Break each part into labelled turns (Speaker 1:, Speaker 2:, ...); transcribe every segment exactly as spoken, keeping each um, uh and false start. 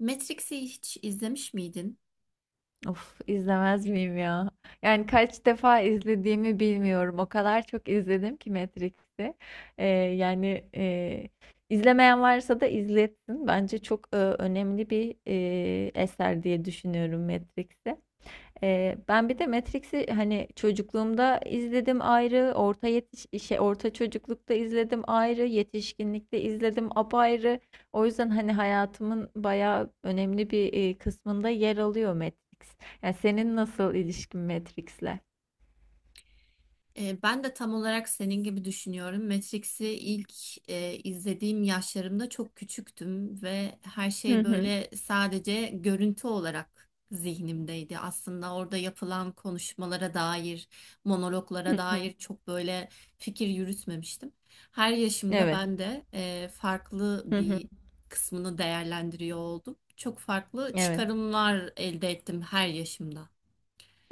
Speaker 1: Matrix'i hiç izlemiş miydin?
Speaker 2: Of izlemez miyim ya? Yani kaç defa izlediğimi bilmiyorum. O kadar çok izledim ki Matrix'i. Ee, yani e, izlemeyen varsa da izletsin. Bence çok e, önemli bir e, eser diye düşünüyorum Matrix'i. Ee, ben bir de Matrix'i hani çocukluğumda izledim ayrı, orta yetiş şey orta çocuklukta izledim ayrı, yetişkinlikte izledim apayrı. O yüzden hani hayatımın bayağı önemli bir e, kısmında yer alıyor Matrix. Yani senin nasıl ilişkin Matrix'le?
Speaker 1: Ee, ben de tam olarak senin gibi düşünüyorum. Matrix'i ilk e, izlediğim yaşlarımda çok küçüktüm ve her
Speaker 2: Hı
Speaker 1: şey
Speaker 2: hı.
Speaker 1: böyle sadece görüntü olarak zihnimdeydi. Aslında orada yapılan konuşmalara dair,
Speaker 2: Hı
Speaker 1: monologlara
Speaker 2: hı.
Speaker 1: dair çok böyle fikir yürütmemiştim. Her yaşımda
Speaker 2: Evet.
Speaker 1: ben de e, farklı
Speaker 2: Hı hı.
Speaker 1: bir kısmını değerlendiriyor oldum. Çok farklı
Speaker 2: Evet.
Speaker 1: çıkarımlar elde ettim her yaşımda.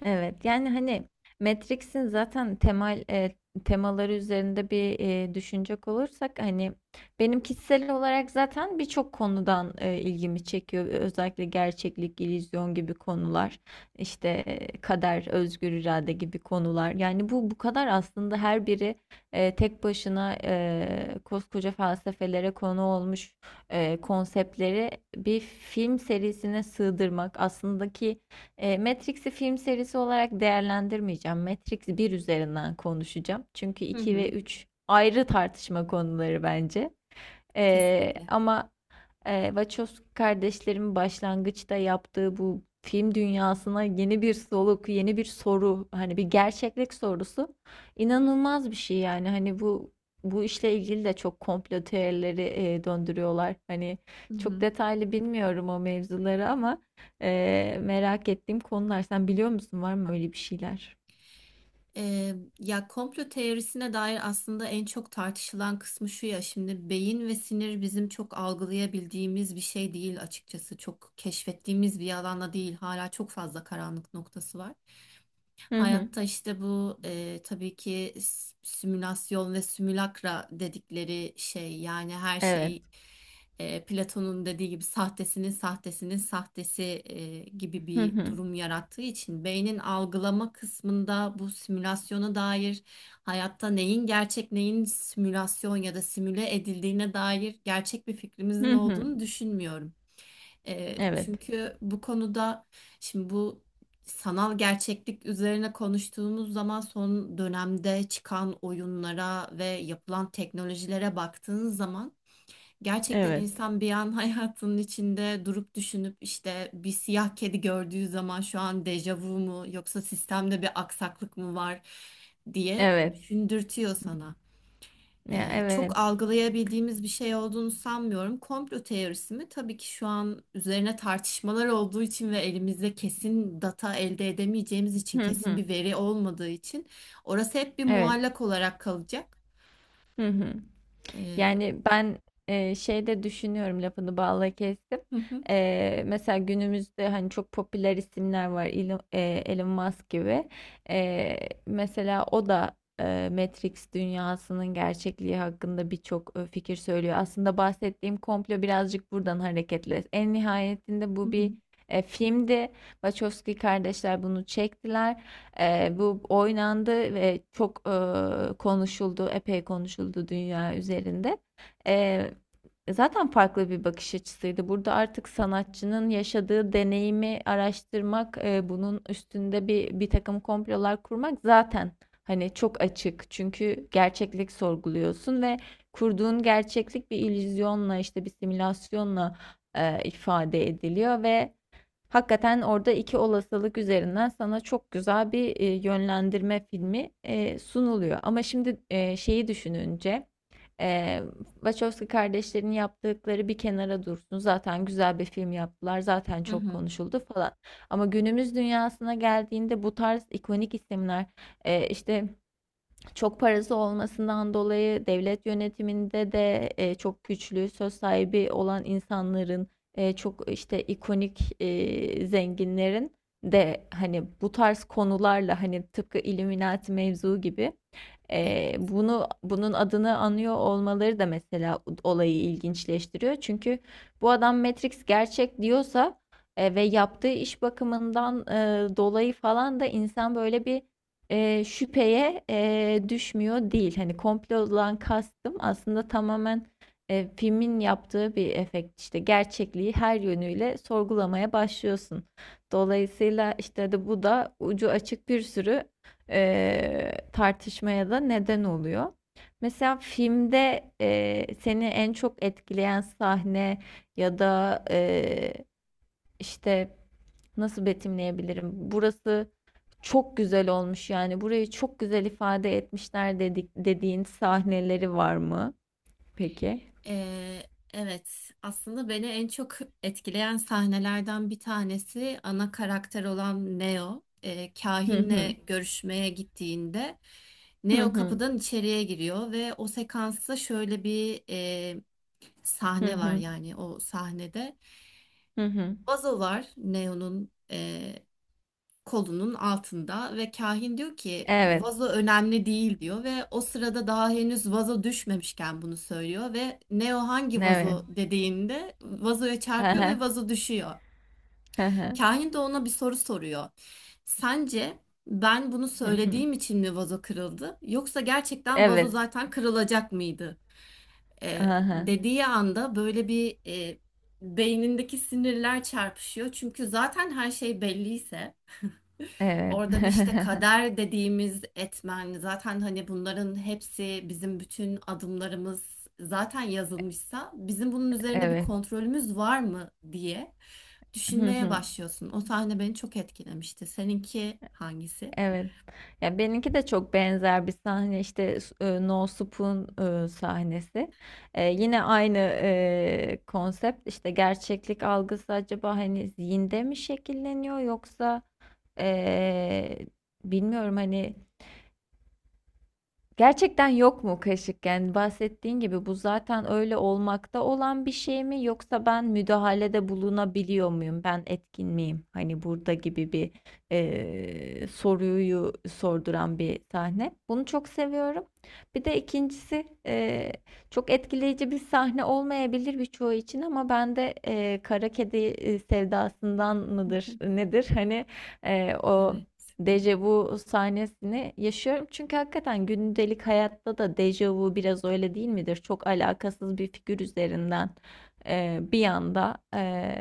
Speaker 2: Evet, yani hani Matrix'in zaten temel e, temaları üzerinde bir e, düşünecek olursak hani benim kişisel olarak zaten birçok konudan e, ilgimi çekiyor. Özellikle gerçeklik, illüzyon gibi konular, işte e, kader, özgür irade gibi konular. Yani bu bu kadar aslında her biri e, tek başına e, koskoca felsefelere konu olmuş e, konseptleri bir film serisine sığdırmak aslında ki e, Matrix'i film serisi olarak değerlendirmeyeceğim. Matrix bir üzerinden konuşacağım. Çünkü
Speaker 1: Hı
Speaker 2: iki ve
Speaker 1: hı.
Speaker 2: üç ayrı tartışma konuları bence. E,
Speaker 1: Kesinlikle.
Speaker 2: ama ee, Wachowski kardeşlerin başlangıçta yaptığı bu film dünyasına yeni bir soluk, yeni bir soru, hani bir gerçeklik sorusu inanılmaz bir şey yani. Hani bu bu işle ilgili de çok komplo teorileri e, döndürüyorlar. Hani
Speaker 1: Hı
Speaker 2: çok
Speaker 1: hı.
Speaker 2: detaylı bilmiyorum o mevzuları ama e, merak ettiğim konular. Sen biliyor musun, var mı öyle bir şeyler?
Speaker 1: Ee, ya komplo teorisine dair aslında en çok tartışılan kısmı şu ya, şimdi beyin ve sinir bizim çok algılayabildiğimiz bir şey değil, açıkçası çok keşfettiğimiz bir alanda değil, hala çok fazla karanlık noktası var.
Speaker 2: Hı hı.
Speaker 1: Hayatta işte bu e, tabii ki s- simülasyon ve simülakra dedikleri şey, yani her
Speaker 2: Evet.
Speaker 1: şey e, Platon'un dediği gibi sahtesinin sahtesinin sahtesi e, gibi
Speaker 2: Hı
Speaker 1: bir
Speaker 2: hı.
Speaker 1: durum yarattığı için beynin algılama kısmında bu simülasyona dair hayatta neyin gerçek, neyin simülasyon ya da simüle edildiğine dair gerçek bir fikrimizin
Speaker 2: Hı hı.
Speaker 1: olduğunu düşünmüyorum. E,
Speaker 2: Evet.
Speaker 1: çünkü bu konuda şimdi bu sanal gerçeklik üzerine konuştuğumuz zaman son dönemde çıkan oyunlara ve yapılan teknolojilere baktığınız zaman gerçekten
Speaker 2: Evet.
Speaker 1: insan bir an hayatının içinde durup düşünüp işte bir siyah kedi gördüğü zaman şu an dejavu mu yoksa sistemde bir aksaklık mı var diye
Speaker 2: Evet.
Speaker 1: düşündürtüyor sana.
Speaker 2: Ya,
Speaker 1: E, çok
Speaker 2: evet.
Speaker 1: algılayabildiğimiz bir şey olduğunu sanmıyorum. Komplo teorisi mi? Tabii ki şu an üzerine tartışmalar olduğu için ve elimizde kesin data elde edemeyeceğimiz için,
Speaker 2: Hı
Speaker 1: kesin
Speaker 2: hı.
Speaker 1: bir veri olmadığı için orası hep bir
Speaker 2: Evet.
Speaker 1: muallak olarak kalacak.
Speaker 2: Hı hı.
Speaker 1: E,
Speaker 2: Yani ben e, şeyde düşünüyorum, lafını bağla kestim.
Speaker 1: hı hı,
Speaker 2: E, mesela günümüzde hani çok popüler isimler var, Elon, e, Elon Musk gibi. E, mesela o da e, Matrix dünyasının gerçekliği hakkında birçok e, fikir söylüyor. Aslında bahsettiğim komplo birazcık buradan hareketle. En nihayetinde
Speaker 1: hı
Speaker 2: bu bir
Speaker 1: hı,
Speaker 2: e, filmdi. Wachowski kardeşler bunu çektiler. Eee, bu oynandı ve çok, eee, konuşuldu, epey konuşuldu dünya üzerinde. Eee, zaten farklı bir bakış açısıydı. Burada artık sanatçının yaşadığı deneyimi araştırmak, eee, bunun üstünde bir bir takım komplolar kurmak zaten hani çok açık. Çünkü gerçeklik sorguluyorsun ve kurduğun gerçeklik bir illüzyonla, işte bir simülasyonla, eee, ifade ediliyor ve hakikaten orada iki olasılık üzerinden sana çok güzel bir e, yönlendirme filmi e, sunuluyor. Ama şimdi e, şeyi düşününce, e, Wachowski kardeşlerin yaptıkları bir kenara dursun. Zaten güzel bir film yaptılar. Zaten
Speaker 1: hı
Speaker 2: çok
Speaker 1: hı.
Speaker 2: konuşuldu falan. Ama günümüz dünyasına geldiğinde bu tarz ikonik isimler, e, işte çok parası olmasından dolayı devlet yönetiminde de e, çok güçlü, söz sahibi olan insanların, e, çok işte ikonik e, zenginlerin de hani bu tarz konularla, hani tıpkı Illuminati mevzu gibi,
Speaker 1: Evet.
Speaker 2: ee, bunu bunun adını anıyor olmaları da mesela olayı ilginçleştiriyor. Çünkü bu adam Matrix gerçek diyorsa e, ve yaptığı iş bakımından e, dolayı falan da insan böyle bir e, şüpheye e, düşmüyor değil. Hani komplodan kastım aslında tamamen e, filmin yaptığı bir efekt, işte gerçekliği her yönüyle sorgulamaya başlıyorsun. Dolayısıyla işte de bu da ucu açık bir sürü eee, tartışmaya da neden oluyor. Mesela filmde, eee, seni en çok etkileyen sahne ya da, eee, işte nasıl betimleyebilirim? Burası çok güzel olmuş, yani burayı çok güzel ifade etmişler dedik dediğin sahneleri var mı? Peki.
Speaker 1: Ee, evet, aslında beni en çok etkileyen sahnelerden bir tanesi ana karakter olan Neo. Ee,
Speaker 2: Hı
Speaker 1: kahinle
Speaker 2: hı.
Speaker 1: görüşmeye gittiğinde
Speaker 2: Hı
Speaker 1: Neo
Speaker 2: hı.
Speaker 1: kapıdan içeriye giriyor ve o sekansta şöyle bir e,
Speaker 2: Hı
Speaker 1: sahne var,
Speaker 2: hı.
Speaker 1: yani o sahnede.
Speaker 2: Hı hı.
Speaker 1: Vazo var Neo'nun kolunun altında ve kahin diyor ki
Speaker 2: Evet.
Speaker 1: vazo önemli değil diyor ve o sırada daha henüz vazo düşmemişken bunu söylüyor ve Neo hangi
Speaker 2: Evet.
Speaker 1: vazo dediğinde vazoya
Speaker 2: Hı
Speaker 1: çarpıyor
Speaker 2: hı.
Speaker 1: ve vazo düşüyor.
Speaker 2: Hı
Speaker 1: Kahin de ona bir soru soruyor. Sence ben bunu
Speaker 2: hı. Hı hı.
Speaker 1: söylediğim için mi vazo kırıldı yoksa gerçekten vazo
Speaker 2: Evet.
Speaker 1: zaten kırılacak mıydı? Ee,
Speaker 2: Hı hı.
Speaker 1: dediği anda böyle bir e, beynindeki sinirler çarpışıyor. Çünkü zaten her şey belliyse
Speaker 2: Evet.
Speaker 1: orada bir işte kader dediğimiz etmen, zaten hani bunların hepsi, bizim bütün adımlarımız zaten yazılmışsa bizim bunun üzerinde bir
Speaker 2: Evet.
Speaker 1: kontrolümüz var mı diye
Speaker 2: Hı
Speaker 1: düşünmeye
Speaker 2: hı.
Speaker 1: başlıyorsun. O sahne beni çok etkilemişti. Seninki hangisi?
Speaker 2: Evet. Ya, benimki de çok benzer bir sahne, işte s- e, No Spoon e, sahnesi. E, yine aynı e, konsept, işte gerçeklik algısı acaba hani zihinde mi şekilleniyor yoksa, e, bilmiyorum hani, gerçekten yok mu kaşık? Yani bahsettiğin gibi bu zaten öyle olmakta olan bir şey mi yoksa ben müdahalede bulunabiliyor muyum? Ben etkin miyim? Hani burada gibi bir, eee, soruyu sorduran bir sahne. Bunu çok seviyorum. Bir de ikincisi, eee, çok etkileyici bir sahne olmayabilir birçoğu için ama ben de, eee, kara kedi, eee, sevdasından mıdır nedir? Hani, eee, o
Speaker 1: Evet.
Speaker 2: dejavu sahnesini yaşıyorum. Çünkü hakikaten gündelik hayatta da dejavu biraz öyle değil midir? Çok alakasız bir figür üzerinden, e, bir anda, e,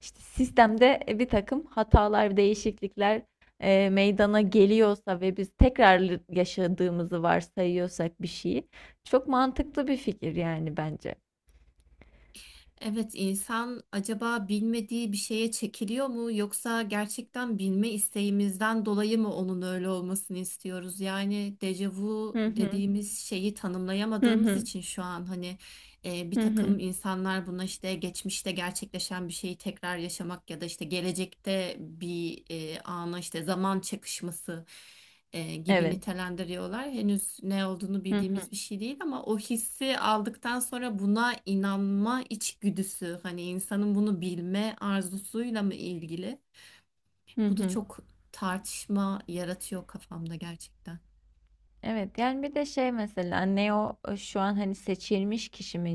Speaker 2: işte sistemde bir takım hatalar, değişiklikler, e, meydana geliyorsa ve biz tekrar yaşadığımızı varsayıyorsak bir şeyi, çok mantıklı bir fikir yani bence.
Speaker 1: Evet, insan acaba bilmediği bir şeye çekiliyor mu yoksa gerçekten bilme isteğimizden dolayı mı onun öyle olmasını istiyoruz? Yani dejavu
Speaker 2: Hı hı.
Speaker 1: dediğimiz şeyi
Speaker 2: Hı
Speaker 1: tanımlayamadığımız
Speaker 2: hı.
Speaker 1: için şu an hani e, bir
Speaker 2: Hı hı.
Speaker 1: takım insanlar buna işte geçmişte gerçekleşen bir şeyi tekrar yaşamak ya da işte gelecekte bir e, ana, işte zaman çakışması e, gibi
Speaker 2: Evet.
Speaker 1: nitelendiriyorlar. Henüz ne olduğunu
Speaker 2: Hı hı.
Speaker 1: bildiğimiz bir şey değil ama o hissi aldıktan sonra buna inanma içgüdüsü hani insanın bunu bilme arzusuyla mı ilgili?
Speaker 2: Hı
Speaker 1: Bu da
Speaker 2: hı.
Speaker 1: çok tartışma yaratıyor kafamda gerçekten.
Speaker 2: Evet, yani bir de şey, mesela Neo, e, şu an hani seçilmiş kişi mi?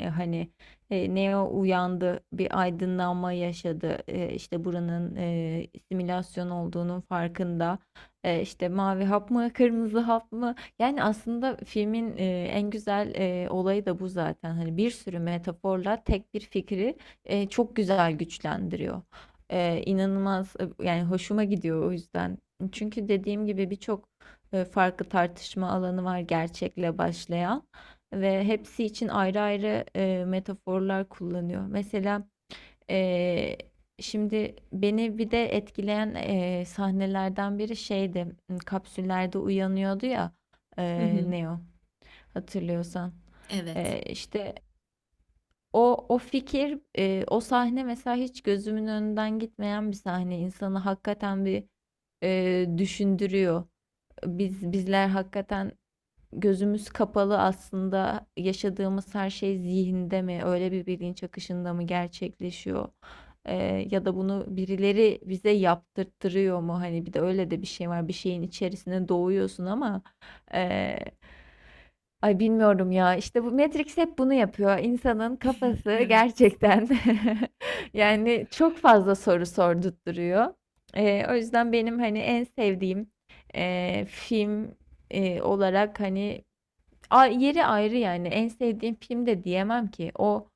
Speaker 2: E, hani e, Neo uyandı, bir aydınlanma yaşadı. E, işte buranın e, simülasyon olduğunun farkında. E, işte mavi hap mı, kırmızı hap mı? Yani aslında filmin e, en güzel e, olayı da bu zaten, hani bir sürü metaforla tek bir fikri e, çok güzel güçlendiriyor. E, inanılmaz, e, yani hoşuma gidiyor o yüzden. Çünkü dediğim gibi birçok e, farklı tartışma alanı var gerçekle başlayan ve hepsi için ayrı ayrı e, metaforlar kullanıyor. Mesela, e, şimdi beni bir de etkileyen e, sahnelerden biri şeydi. Kapsüllerde uyanıyordu ya, e,
Speaker 1: Hı hı.
Speaker 2: Neo, hatırlıyorsan.
Speaker 1: Evet.
Speaker 2: E, işte o o fikir, e, o sahne mesela hiç gözümün önünden gitmeyen bir sahne. İnsanı hakikaten bir e, düşündürüyor. Biz bizler hakikaten gözümüz kapalı aslında, yaşadığımız her şey zihinde mi, öyle bir bilinç akışında mı gerçekleşiyor? Ee, ya da bunu birileri bize yaptırtırıyor mu? Hani bir de öyle de bir şey var. Bir şeyin içerisine doğuyorsun ama, ee, ay bilmiyorum ya. İşte bu Matrix hep bunu yapıyor. İnsanın kafası
Speaker 1: Evet.
Speaker 2: gerçekten yani çok fazla soru sordurtturuyor. Ee, o yüzden benim hani en sevdiğim e, film e, olarak hani a- yeri ayrı, yani en sevdiğim film de diyemem ki, o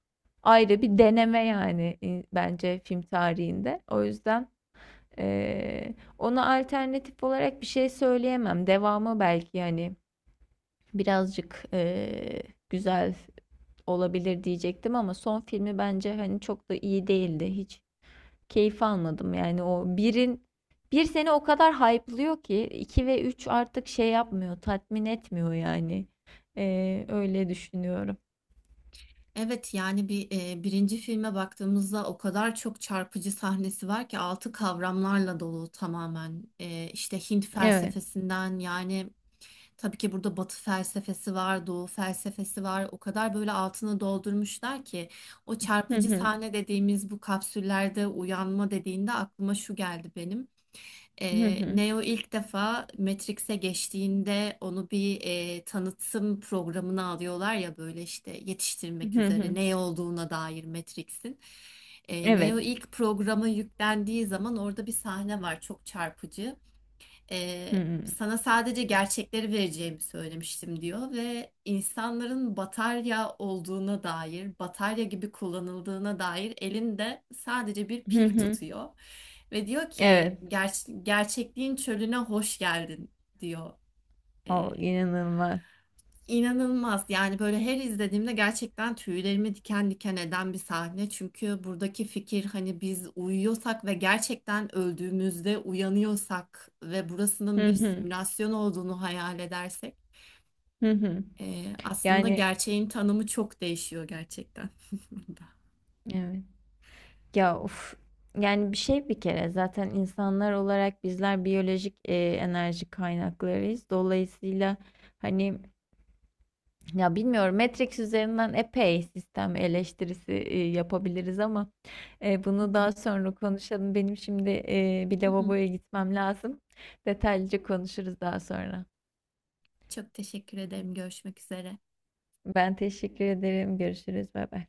Speaker 2: ayrı bir deneme yani, in- bence film tarihinde, o yüzden e, ona alternatif olarak bir şey söyleyemem, devamı belki yani birazcık e, güzel olabilir diyecektim ama son filmi bence hani çok da iyi değildi, hiç keyif almadım. Yani o birin bir seni o kadar hype'lıyor ki iki ve üç artık şey yapmıyor, tatmin etmiyor yani. Ee, öyle düşünüyorum.
Speaker 1: Evet, yani bir e, birinci filme baktığımızda o kadar çok çarpıcı sahnesi var ki altı kavramlarla dolu tamamen. E, işte Hint
Speaker 2: Evet.
Speaker 1: felsefesinden, yani tabii ki burada Batı felsefesi var, Doğu felsefesi var. O kadar böyle altını doldurmuşlar ki o
Speaker 2: Hı
Speaker 1: çarpıcı
Speaker 2: hı.
Speaker 1: sahne dediğimiz bu kapsüllerde uyanma dediğinde aklıma şu geldi benim.
Speaker 2: Hı
Speaker 1: Ee,
Speaker 2: hı.
Speaker 1: Neo ilk defa Matrix'e geçtiğinde onu bir e, tanıtım programına alıyorlar ya, böyle işte
Speaker 2: Hı
Speaker 1: yetiştirmek üzere
Speaker 2: hı.
Speaker 1: ne olduğuna dair Matrix'in. Ee, Neo
Speaker 2: Evet.
Speaker 1: ilk programa yüklendiği zaman orada bir sahne var çok çarpıcı.
Speaker 2: Hı
Speaker 1: Ee,
Speaker 2: hı.
Speaker 1: sana sadece gerçekleri vereceğimi söylemiştim diyor ve insanların batarya olduğuna dair, batarya gibi kullanıldığına dair elinde sadece bir
Speaker 2: Hı
Speaker 1: pil
Speaker 2: hı.
Speaker 1: tutuyor. Ve diyor ki,
Speaker 2: Evet.
Speaker 1: "Ger- gerçekliğin çölüne hoş geldin," diyor.
Speaker 2: O inanılmaz.
Speaker 1: İnanılmaz, yani böyle her izlediğimde gerçekten tüylerimi diken diken eden bir sahne çünkü buradaki fikir hani biz uyuyorsak ve gerçekten öldüğümüzde uyanıyorsak ve burasının
Speaker 2: Hı
Speaker 1: bir
Speaker 2: hı.
Speaker 1: simülasyon olduğunu hayal edersek
Speaker 2: Hı hı.
Speaker 1: eee, aslında
Speaker 2: Yani,
Speaker 1: gerçeğin tanımı çok değişiyor gerçekten. Burada.
Speaker 2: evet. Ya, of. Yani bir şey, bir kere zaten insanlar olarak bizler biyolojik e, enerji kaynaklarıyız. Dolayısıyla hani, ya bilmiyorum, Matrix üzerinden epey sistem eleştirisi e, yapabiliriz ama e,
Speaker 1: Hı
Speaker 2: bunu
Speaker 1: hı.
Speaker 2: daha sonra konuşalım. Benim şimdi e, bir
Speaker 1: Hı hı.
Speaker 2: lavaboya gitmem lazım. Detaylıca konuşuruz daha sonra.
Speaker 1: Çok teşekkür ederim. Görüşmek üzere.
Speaker 2: Ben teşekkür ederim. Görüşürüz. Bay bay.